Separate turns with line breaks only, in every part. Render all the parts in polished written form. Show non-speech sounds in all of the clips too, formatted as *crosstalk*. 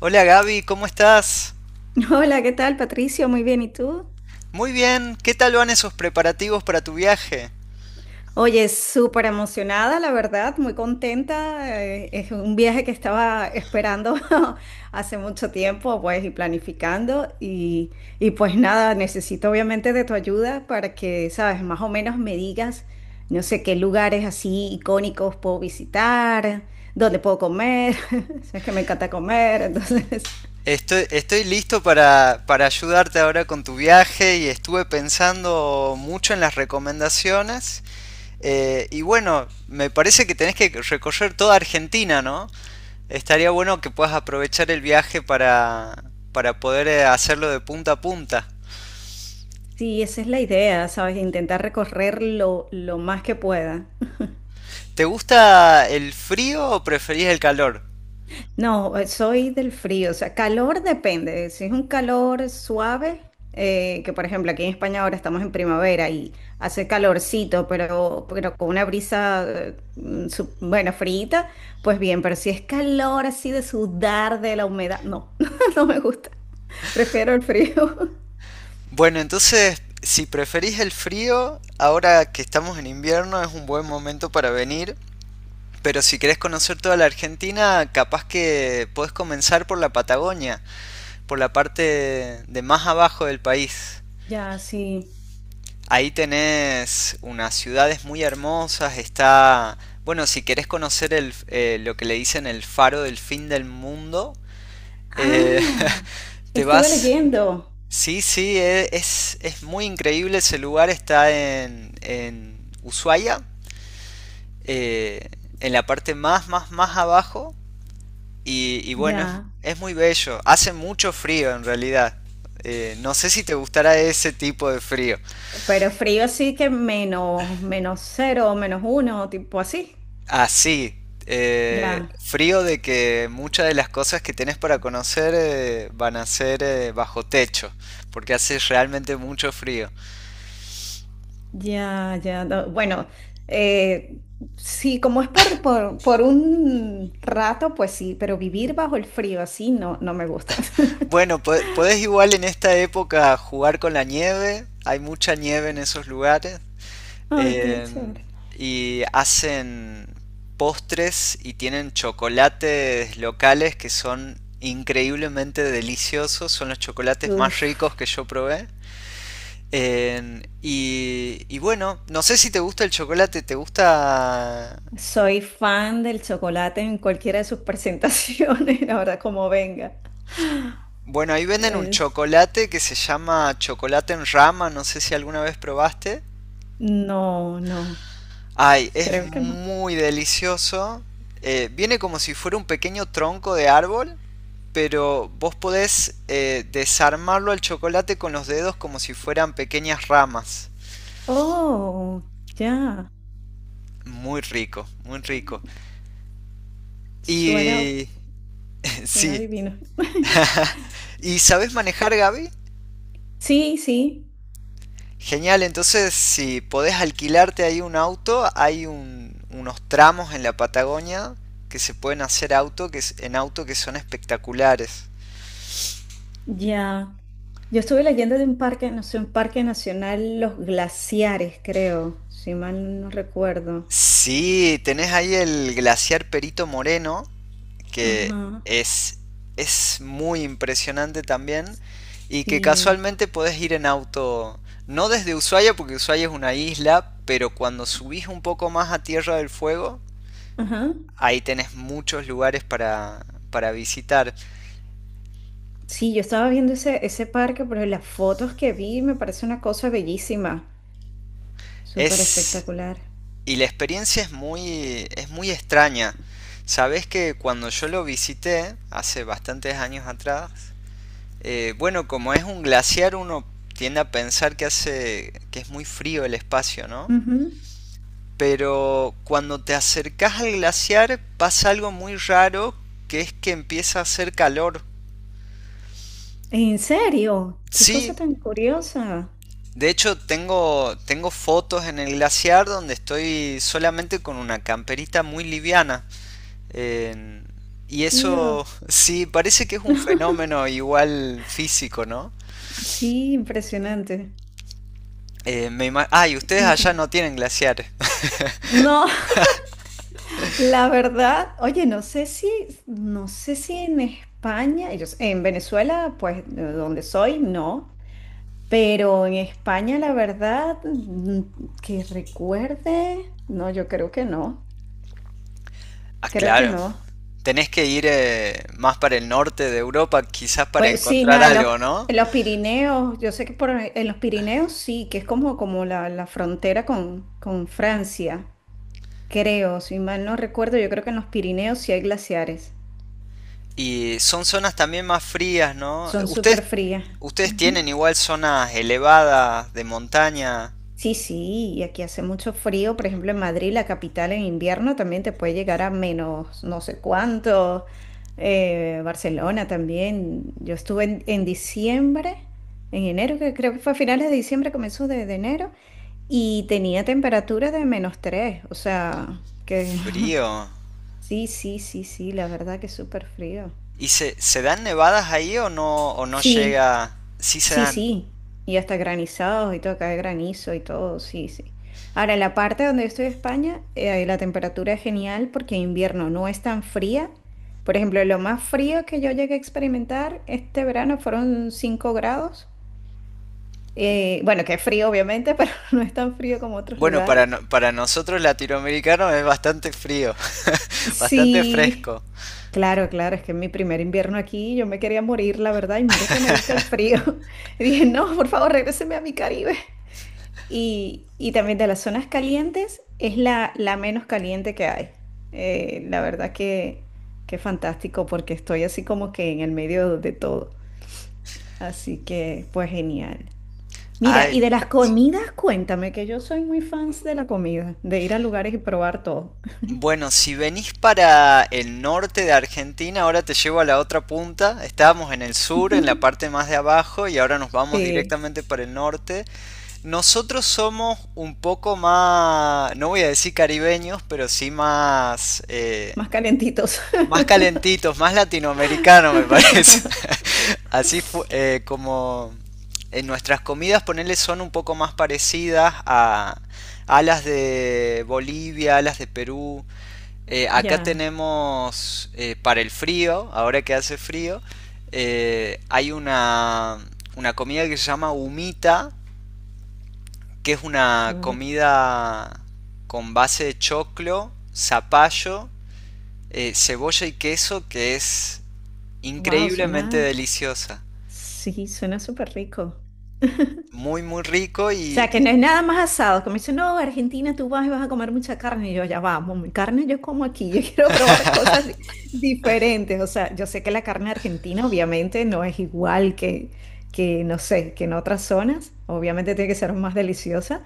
Hola Gaby, ¿cómo estás?
*laughs* Hola, ¿qué tal, Patricio? Muy bien, ¿y tú?
Muy bien, ¿qué tal van esos preparativos para tu viaje?
Oye, súper emocionada, la verdad, muy contenta. Es un viaje que estaba esperando *laughs* hace mucho tiempo, pues, y planificando. Y pues nada, necesito obviamente de tu ayuda para que, sabes, más o menos me digas, no sé, qué lugares así icónicos puedo visitar, dónde puedo comer. *laughs* Sabes que me encanta comer, entonces. *laughs*
Estoy listo para ayudarte ahora con tu viaje y estuve pensando mucho en las recomendaciones. Y bueno, me parece que tenés que recorrer toda Argentina, ¿no? Estaría bueno que puedas aprovechar el viaje para poder hacerlo de punta a punta.
Sí, esa es la idea, sabes, intentar recorrer lo más que pueda.
¿Te gusta el frío o preferís el calor?
No, soy del frío, o sea, calor depende. Si es un calor suave, que por ejemplo aquí en España ahora estamos en primavera y hace calorcito, pero con una brisa, bueno, frita, pues bien, pero si es calor así de sudar de la humedad, no, *laughs* no me gusta. Prefiero el frío. *laughs*
Bueno, entonces, si preferís el frío, ahora que estamos en invierno es un buen momento para venir. Pero si querés conocer toda la Argentina, capaz que podés comenzar por la Patagonia, por la parte de más abajo del país.
Ya, sí.
Ahí tenés unas ciudades muy hermosas, está... Bueno, si querés conocer lo que le dicen el faro del fin del mundo, eh,
Ah,
*laughs* te
estuve
vas...
leyendo.
Sí, sí, es muy increíble ese lugar, está en Ushuaia, eh, en la parte más abajo, y bueno,
Ya.
es muy bello, hace mucho frío en realidad. No sé si te gustará ese tipo de frío,
Pero frío así que menos cero, -1, tipo así.
así,
Ya.
frío de que muchas de las cosas que tenés para conocer van a ser bajo techo, porque hace realmente mucho frío.
Ya, ya, no, bueno, eh, sí, como es por un rato, pues sí, pero vivir bajo el frío así no, no me gusta. *laughs*
Bueno, podés igual en esta época jugar con la nieve. Hay mucha nieve en esos lugares.
Ay, qué
en-
chévere.
y hacen postres y tienen chocolates locales que son increíblemente deliciosos. Son los chocolates más ricos
Uf,
que yo probé. Y bueno, no sé si te gusta el chocolate. ¿Te gusta...?
soy fan del chocolate en cualquiera de sus presentaciones, *laughs* la verdad, como venga.
Bueno, ahí venden un
Es-
chocolate que se llama chocolate en rama. No sé si alguna vez probaste.
no, no,
Ay, es
creo que no.
muy delicioso. Viene como si fuera un pequeño tronco de árbol, pero vos podés desarmarlo al chocolate con los dedos como si fueran pequeñas ramas.
Oh, ya,
Muy rico, muy rico.
suena,
Y... *laughs*
suena
Sí.
divino. *laughs*
*laughs* ¿Y sabés manejar, Gaby?
Sí, sí,
Genial, entonces si podés alquilarte ahí un auto, hay unos tramos en la Patagonia que se pueden hacer auto, que, en auto que son espectaculares.
ya. Yo estuve leyendo de un parque, no sé, un parque nacional, Los Glaciares, creo, si mal no recuerdo.
Sí, tenés ahí el glaciar Perito Moreno, que
Ajá,
es, es muy impresionante también, y que
sí,
casualmente podés ir en auto, no desde Ushuaia, porque Ushuaia es una isla, pero cuando subís un poco más a Tierra del Fuego,
ajá.
ahí tenés muchos lugares para visitar.
Sí, yo estaba viendo ese parque, pero las fotos que vi me parece una cosa bellísima, súper
Es,
espectacular.
y la experiencia es muy extraña. Sabés que cuando yo lo visité, hace bastantes años atrás, bueno, como es un glaciar, uno tiende a pensar que hace que es muy frío el espacio, ¿no?
Ujú.
Pero cuando te acercas al glaciar pasa algo muy raro, que es que empieza a hacer calor.
¿En serio? ¿Qué cosa
Sí,
tan curiosa?
de hecho tengo fotos en el glaciar donde estoy solamente con una camperita muy liviana. Eh, y
Tío,
eso *laughs* sí, parece que es un fenómeno igual físico, ¿no?
sí, impresionante.
Y ustedes allá
Increíble.
no tienen glaciares. *laughs*
No, *laughs* la verdad, oye, no sé si, en España, y en Venezuela, pues de donde soy, no, pero en España, la verdad, que recuerde, no, yo creo que no,
Ah,
creo que
claro.
no.
Tenés que ir más para el norte de Europa, quizás para
Pues sí,
encontrar
nada, en los,
algo, ¿no?
Pirineos, yo sé que en los Pirineos sí, que es como la frontera con Francia, creo, si mal no recuerdo, yo creo que en los Pirineos sí hay glaciares,
Y son zonas también más frías, ¿no?
son súper
Ustedes,
frías.
ustedes tienen igual zonas elevadas de montaña,
Sí, sí, y aquí hace mucho frío, por ejemplo, en Madrid, la capital en invierno también te puede llegar a menos no sé cuánto, Barcelona también. Yo estuve en diciembre, en enero, que creo que fue a finales de diciembre, comenzó de enero, y tenía temperatura de -3, o sea, que
frío.
*laughs* sí, sí, sí, sí, la verdad que es súper frío.
¿Y se dan nevadas ahí o no
Sí,
llega? Sí se
sí,
dan.
sí, y hasta granizados y todo, cae granizo y todo, sí, sí. Ahora, en la parte donde yo estoy de España, la temperatura es genial porque en invierno no es tan fría. Por ejemplo, lo más frío que yo llegué a experimentar este verano fueron 5 grados. Bueno, que es frío obviamente, *laughs* pero no es tan frío como otros
Bueno, para,
lugares.
no- para nosotros latinoamericanos es bastante frío, *laughs* bastante
Sí,
fresco.
claro, claro, es que en mi primer invierno aquí yo me quería morir, la verdad, y mira que me gusta el frío. *laughs* Y dije, no, por favor, regréseme a mi Caribe. Y también de las zonas calientes es la menos caliente que hay. La verdad que fantástico porque estoy así como que en el medio de todo. Así que pues genial. Mira, y
Ay,
de las comidas, cuéntame que yo soy muy fans de la comida, de ir a lugares y probar todo.
bueno, si venís para el norte de Argentina, ahora te llevo a la otra punta. Estábamos en el sur, en la
*laughs*
parte más de abajo, y ahora nos vamos
Sí,
directamente para el norte. Nosotros somos un poco más, no voy a decir caribeños, pero sí más,
más calentitos.
más calentitos, más latinoamericano me parece.
*laughs*
*laughs* Como en nuestras comidas, ponerle son un poco más parecidas a las de Bolivia, a las de Perú. Acá
Ya.
tenemos para el frío, ahora que hace frío, hay una comida que se llama humita, que es una comida con base de choclo, zapallo cebolla y queso que es
Wow,
increíblemente
suena.
deliciosa.
Sí, suena súper rico.
Muy, muy rico
O
y,
sea, que
y
no es nada más asado. Que me dicen, no, Argentina, tú vas y vas a comer mucha carne. Y yo, ya vamos, mi carne yo como aquí. Yo *laughs* quiero probar cosas diferentes. O sea, yo sé que la carne argentina obviamente no es igual que, no sé, que en otras zonas. Obviamente tiene que ser más deliciosa,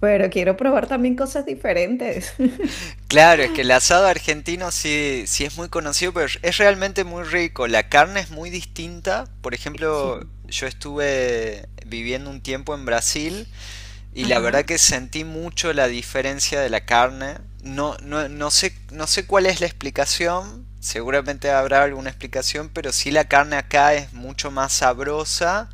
pero quiero probar también cosas diferentes. *laughs*
claro, es que el asado argentino sí, sí es muy conocido, pero es realmente muy rico. La carne es muy distinta. Por
Sí.
ejemplo, yo estuve viviendo un tiempo en Brasil y la
Ajá.
verdad que sentí mucho la diferencia de la carne. No sé, no sé cuál es la explicación. Seguramente habrá alguna explicación, pero sí la carne acá es mucho más sabrosa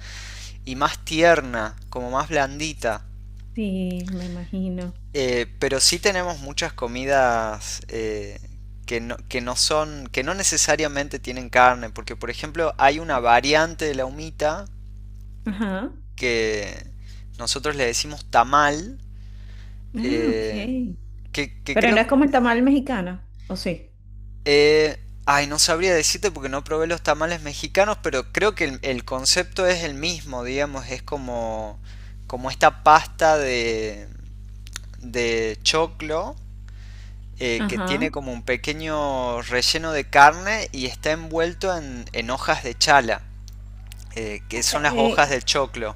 y más tierna, como más blandita.
Sí, me imagino.
Pero sí tenemos muchas comidas que no son, que no necesariamente tienen carne, porque por ejemplo hay una variante de la humita
Ajá.
que nosotros le decimos tamal,
Ah,
eh,
ok.
que
Pero
creo...
no es como el tamal mexicano, ¿o sí?
eh, ay, no sabría decirte porque no probé los tamales mexicanos, pero creo que el concepto es el mismo, digamos, es como, como esta pasta de choclo que
Ajá.
tiene como un pequeño relleno de carne y está envuelto en hojas de chala, que son las
Eh,
hojas del choclo.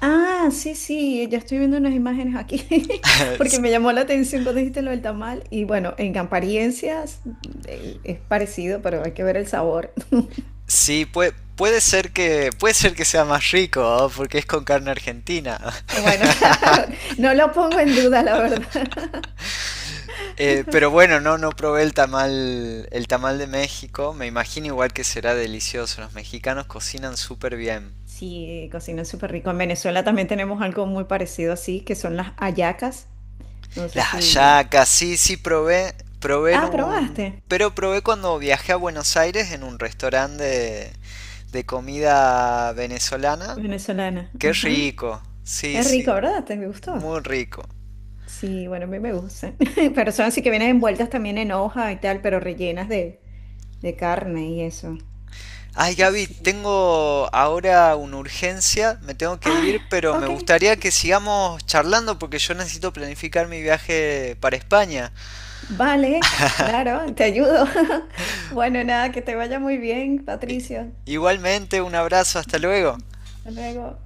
Ah, sí, sí, ya estoy viendo unas imágenes aquí, *laughs* porque me
*laughs*
llamó la atención cuando dijiste lo del tamal. Y bueno, en apariencias es parecido, pero hay que ver el sabor. *laughs*
Sí, puede ser que sea más rico, ¿no? Porque es con carne argentina. *laughs*
Ah, bueno, *laughs* claro, no lo pongo en duda, la verdad.
Pero bueno, no probé el tamal de México. Me imagino igual que será delicioso. Los mexicanos cocinan súper bien.
Sí, cocina súper rico. En Venezuela también tenemos algo muy parecido así, que son las hallacas. No sé
Las
si...
hallacas, sí, sí probé, probé en
Ah,
un...
probaste.
Pero probé cuando viajé a Buenos Aires en un restaurante de comida venezolana.
Venezolana.
Qué
Ajá.
rico. Sí,
Es
sí,
rico, ¿verdad? ¿Te gustó?
muy rico.
Sí, bueno, a mí me gusta. *laughs* Pero son así que vienen envueltas también en hoja y tal, pero rellenas de carne y eso.
Ay, Gaby,
Sí.
tengo ahora una urgencia, me tengo que ir,
Ah,
pero me
ok,
gustaría que sigamos charlando porque yo necesito planificar mi viaje para España.
vale, claro, te ayudo. *laughs* Bueno, nada, que te vaya muy bien, Patricio.
Igualmente, un abrazo, hasta luego.
Hasta luego.